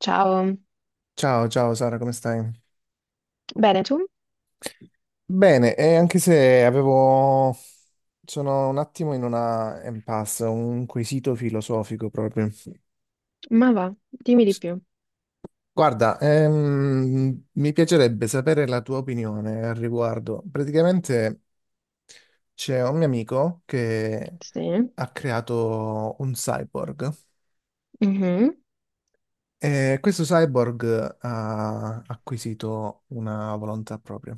Ciao, Ciao, ciao Sara, come stai? bene tu? Bene, e anche se avevo... sono un attimo in una impasse, un quesito filosofico proprio. Ma va, dimmi di più. Guarda, mi piacerebbe sapere la tua opinione al riguardo. Praticamente c'è un mio amico che Sì. ha creato un cyborg Mhm. e questo cyborg ha acquisito una volontà propria.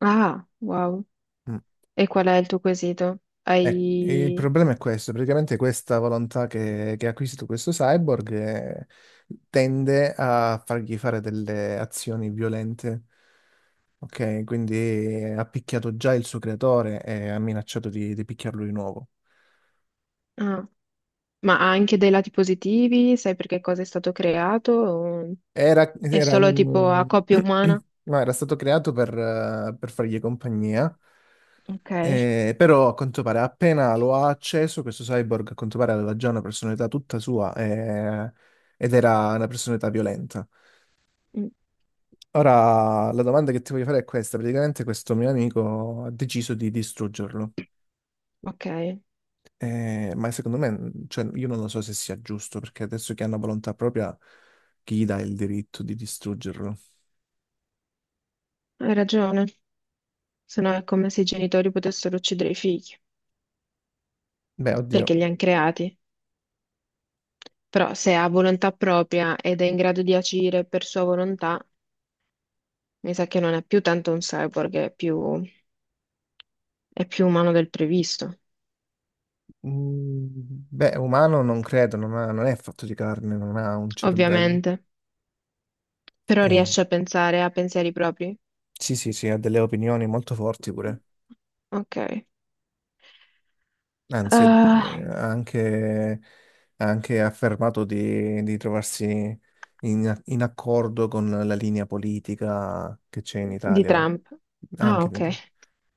Ah, wow. Mm. E qual è il tuo quesito? Eh, il Hai... problema è questo, praticamente questa volontà che ha acquisito questo cyborg tende a fargli fare delle azioni violente, ok? Quindi ha picchiato già il suo creatore e ha minacciato di picchiarlo di nuovo. ah, ma ha anche dei lati positivi? Sai per che cosa è stato creato? O Era, è era solo tipo a un... coppia umana? no, era stato creato per fargli compagnia, Ok. Però a quanto pare appena lo ha acceso, questo cyborg a quanto pare aveva già una personalità tutta sua ed era una personalità violenta. Mm. Ora la domanda che ti voglio fare è questa, praticamente questo mio amico ha deciso di distruggerlo. Ok, hai Ma secondo me, cioè, io non lo so se sia giusto, perché adesso che hanno volontà propria, chi gli dà il diritto di distruggerlo? ragione. Se no è come se i genitori potessero uccidere i figli, Beh, oddio. perché li hanno creati. Però se ha volontà propria ed è in grado di agire per sua volontà, mi sa che non è più tanto un cyborg, è più umano del previsto, Mm, beh, umano non credo, non è fatto di carne, non ha un cervello. ovviamente. Però Eh, riesce a pensare a pensieri propri? sì, sì, sì, ha delle opinioni molto forti pure. Ok. Anzi, Ah, ha anche, ha anche affermato di trovarsi in accordo con la linea politica che c'è in di Italia. Trump. Ah, Anche, ok. in-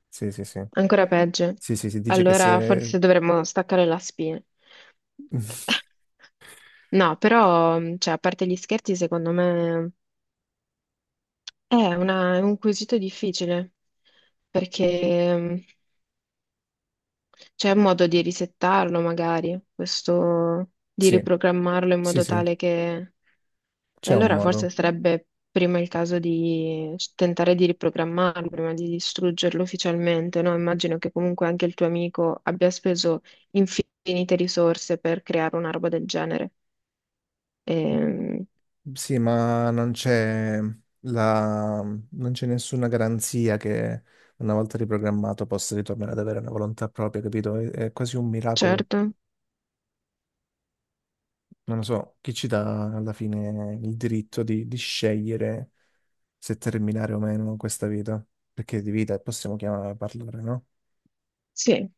sì, sì, sì. Ancora peggio. Sì, sì, si dice che Allora se... forse dovremmo staccare la spina. No, però, cioè, a parte gli scherzi, secondo me è una- è un quesito difficile perché c'è un modo di risettarlo magari, questo di Sì, riprogrammarlo in sì, modo sì, tale che... E c'è un allora forse modo. sarebbe prima il caso di tentare di riprogrammarlo, prima di distruggerlo ufficialmente, no? Immagino che comunque anche il tuo amico abbia speso infinite risorse per creare una roba del genere. Ehm, Sì, ma non c'è la... non c'è nessuna garanzia che una volta riprogrammato possa ritornare ad avere una volontà propria, capito? È quasi un miracolo. certo, Non lo so, chi ci dà alla fine il diritto di scegliere se terminare o meno questa vita? Perché di vita possiamo chiamare, parlare, no? sì.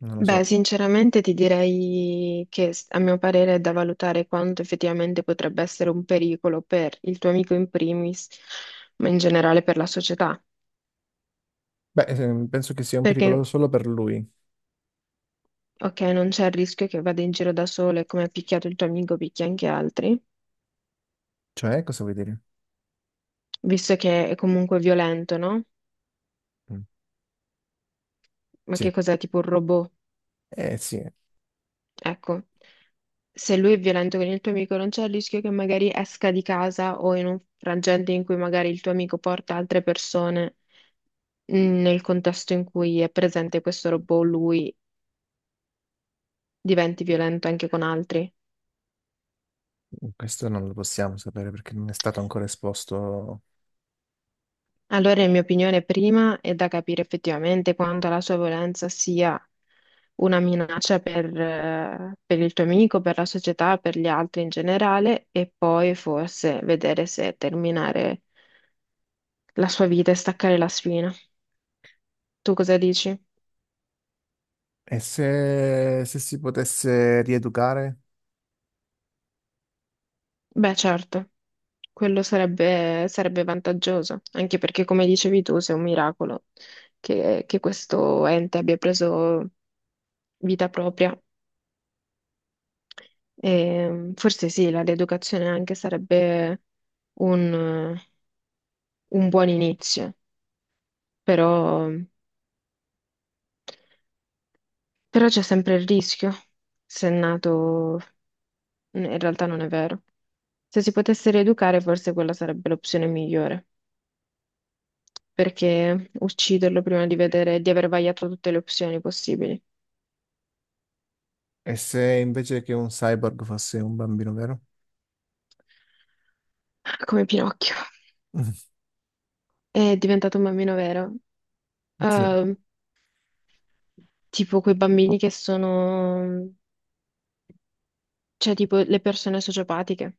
Non lo Beh, so. sinceramente ti direi che s- a mio parere è da valutare quanto effettivamente potrebbe essere un pericolo per il tuo amico in primis, ma in generale per la società. Beh, penso che sia un Perché, pericolo solo per lui. ok, non c'è il rischio che vada in giro da solo e come ha picchiato il tuo amico picchia anche altri, Cioè, cosa vuoi dire? visto che è comunque violento, no? Mm. Ma Sì. che cos'è, tipo un robot? Eh sì, Ecco, se lui è violento con il tuo amico, non c'è il rischio che magari esca di casa o in un frangente in cui magari il tuo amico porta altre persone. Mh, nel contesto in cui è presente questo robot, lui diventi violento anche con altri. questo non lo possiamo sapere perché non è stato ancora esposto. Allora, in mia opinione, prima è da capire effettivamente quanto la sua violenza sia una minaccia per il tuo amico, per la società, per gli altri in generale, e poi forse vedere se terminare la sua vita e staccare la spina. Tu cosa dici? E se si potesse rieducare? Beh, certo. Quello sarebbe, sarebbe vantaggioso, anche perché, come dicevi tu, se è un miracolo che questo ente abbia preso vita propria. E, forse sì, la rieducazione anche sarebbe un, un buon inizio, però, però c'è sempre il rischio, se è nato, in realtà non è vero. Se si potesse rieducare, forse quella sarebbe l'opzione migliore, perché ucciderlo prima di vedere, di aver vagliato tutte le opzioni possibili. E se invece che un cyborg fosse un bambino vero? Come Pinocchio. È diventato un bambino vero. Sì. Ehm, tipo quei bambini che sono, cioè tipo le persone sociopatiche.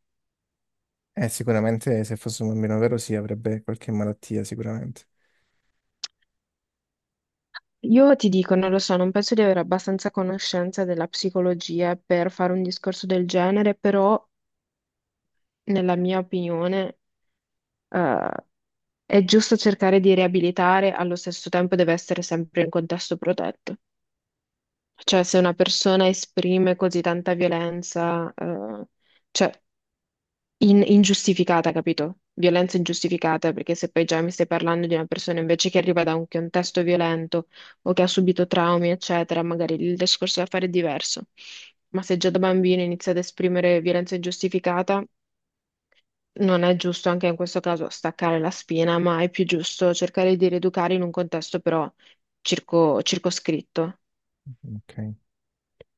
Sicuramente se fosse un bambino vero sì, avrebbe qualche malattia, sicuramente. Io ti dico, non lo so, non penso di avere abbastanza conoscenza della psicologia per fare un discorso del genere, però nella mia opinione, eh, è giusto cercare di riabilitare, allo stesso tempo deve essere sempre in contesto protetto. Cioè, se una persona esprime così tanta violenza, cioè in- ingiustificata, capito? Violenza ingiustificata, perché se poi già mi stai parlando di una persona invece che arriva da un contesto violento o che ha subito traumi, eccetera, magari il discorso da fare è diverso. Ma se già da bambino inizia ad esprimere violenza ingiustificata, non è giusto anche in questo caso staccare la spina, ma è più giusto cercare di rieducare in un contesto però circo- circoscritto. Ok.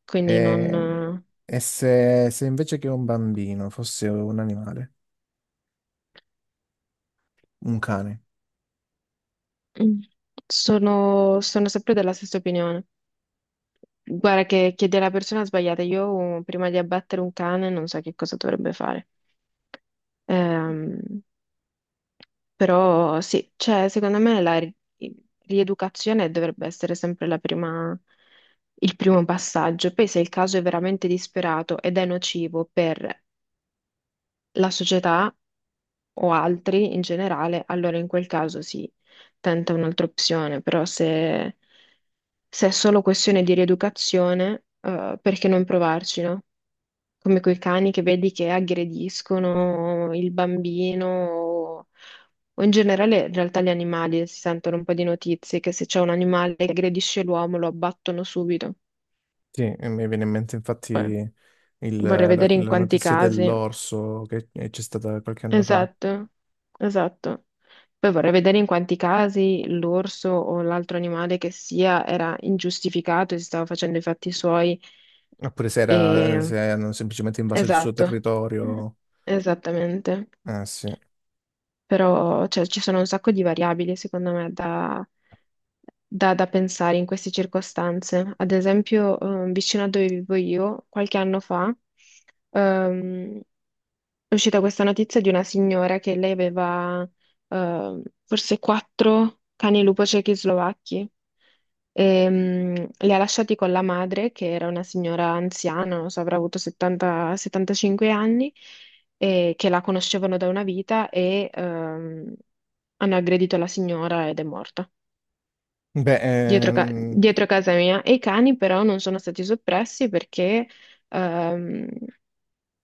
Quindi E, non... e se invece che un bambino fosse un animale, un cane? eh, sono, sono sempre della stessa opinione. Guarda che chiedi alla persona sbagliata, io prima di abbattere un cane non so che cosa dovrebbe fare. Ehm, però sì, cioè, secondo me la ri- rieducazione dovrebbe essere sempre la prima- il primo passaggio. Poi se il caso è veramente disperato ed è nocivo per la società o altri in generale, allora in quel caso sì, tenta un'altra opzione, però se, se è solo questione di rieducazione, perché non provarci, no? Come quei cani che vedi che aggrediscono il bambino o in generale in realtà gli animali si sentono un po' di notizie che se c'è un animale che aggredisce l'uomo lo abbattono subito. Sì, e mi viene in mente infatti Poi vorrei la, vedere in la quanti notizia casi. dell'orso che c'è stata qualche anno fa, Esatto, esatto. Poi vorrei vedere in quanti casi l'orso o l'altro animale che sia era ingiustificato e si stava facendo i fatti suoi. oppure se, era, E... se hanno semplicemente invaso il suo esatto, territorio. esattamente. Ah sì. Però, cioè, ci sono un sacco di variabili, secondo me, da, da- da pensare in queste circostanze. Ad esempio, vicino a dove vivo io, qualche anno fa, ehm, è uscita questa notizia di una signora che lei aveva, forse 4 cani lupo ciechi slovacchi. E, mm, li ha lasciati con la madre, che era una signora anziana, non so, avrà avuto 70, 75 anni, e che la conoscevano da una vita e hanno aggredito la signora ed è morta. Beh, Dietro, ca- ehm. dietro casa mia. E i cani però non sono stati soppressi perché ehm,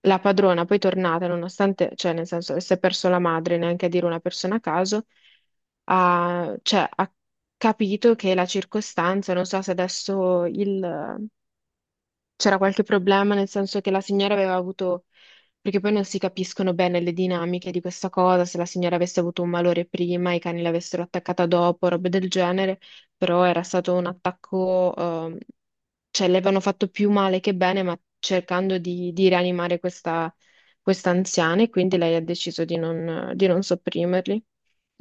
la padrona poi tornata, nonostante, cioè nel senso, si è perso la madre, neanche a dire una persona a caso, ha, cioè, ha capito che la circostanza, non so se adesso il, c'era qualche problema, nel senso che la signora aveva avuto, perché poi non si capiscono bene le dinamiche di questa cosa, se la signora avesse avuto un malore prima, i cani l'avessero attaccata dopo, robe del genere, però era stato un attacco, cioè le avevano fatto più male che bene, ma cercando di rianimare questa, questa anziana e quindi lei ha deciso di non sopprimerli.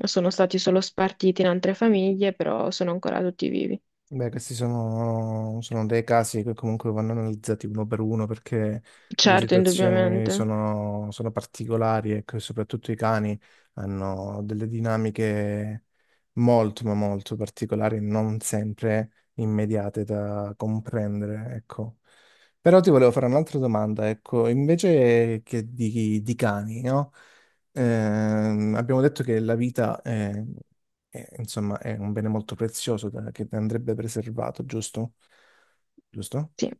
Sono stati solo spartiti in altre famiglie, però sono ancora tutti vivi. Beh, questi sono dei casi che comunque vanno analizzati uno per uno perché le Certo, situazioni indubbiamente. sono, sono particolari ecco, e che soprattutto i cani hanno delle dinamiche molto, ma molto particolari, non sempre immediate da comprendere, ecco. Però ti volevo fare un'altra domanda, ecco, invece che di cani, no? Abbiamo detto che la vita è insomma, è un bene molto prezioso che andrebbe preservato, giusto? Giusto? Sì,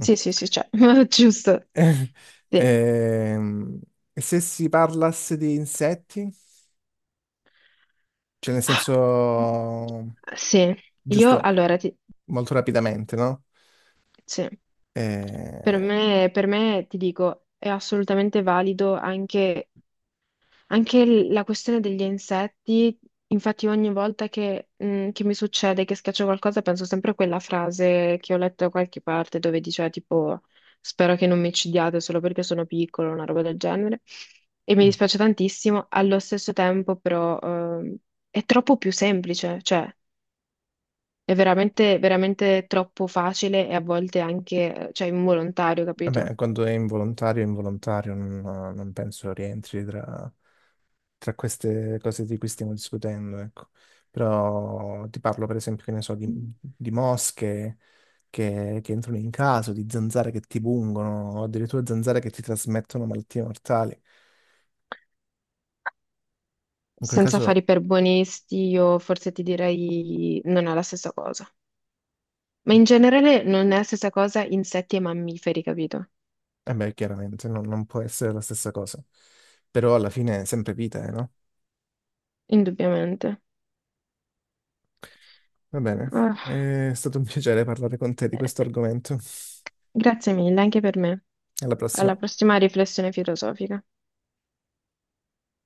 Mm. sì, sì, cioè, giusto. Eh, Sì. Ehm, e se si parlasse di insetti? Cioè, nel senso, Sì, io giusto, allora ti... molto rapidamente, no? sì. Eh, Per me, ti dico, è assolutamente valido anche anche l- la questione degli insetti, infatti ogni volta che, mm, che mi succede che schiaccio qualcosa penso sempre a quella frase che ho letto da qualche parte dove diceva tipo spero che non mi uccidiate solo perché sono piccolo, una roba del genere. E mi dispiace tantissimo, allo stesso tempo però è troppo più semplice, cioè è veramente, veramente troppo facile e a volte anche, cioè, involontario, capito? vabbè, quando è involontario, non penso rientri tra... tra queste cose di cui stiamo discutendo, ecco. Però ti parlo per esempio, che ne so, di mosche che entrano in casa, di zanzare che ti pungono, o addirittura zanzare che ti trasmettono malattie mortali. In quel Senza fare caso, i perbonisti, io forse ti direi non è la stessa cosa. Ma in generale non è la stessa cosa insetti e mammiferi, capito? eh beh, chiaramente non può essere la stessa cosa. Però alla fine è sempre vita, no? Indubbiamente. Va bene, Ah, è stato un piacere parlare con te di questo eh, argomento. grazie mille anche per me. Alla prossima. Alla prossima riflessione filosofica.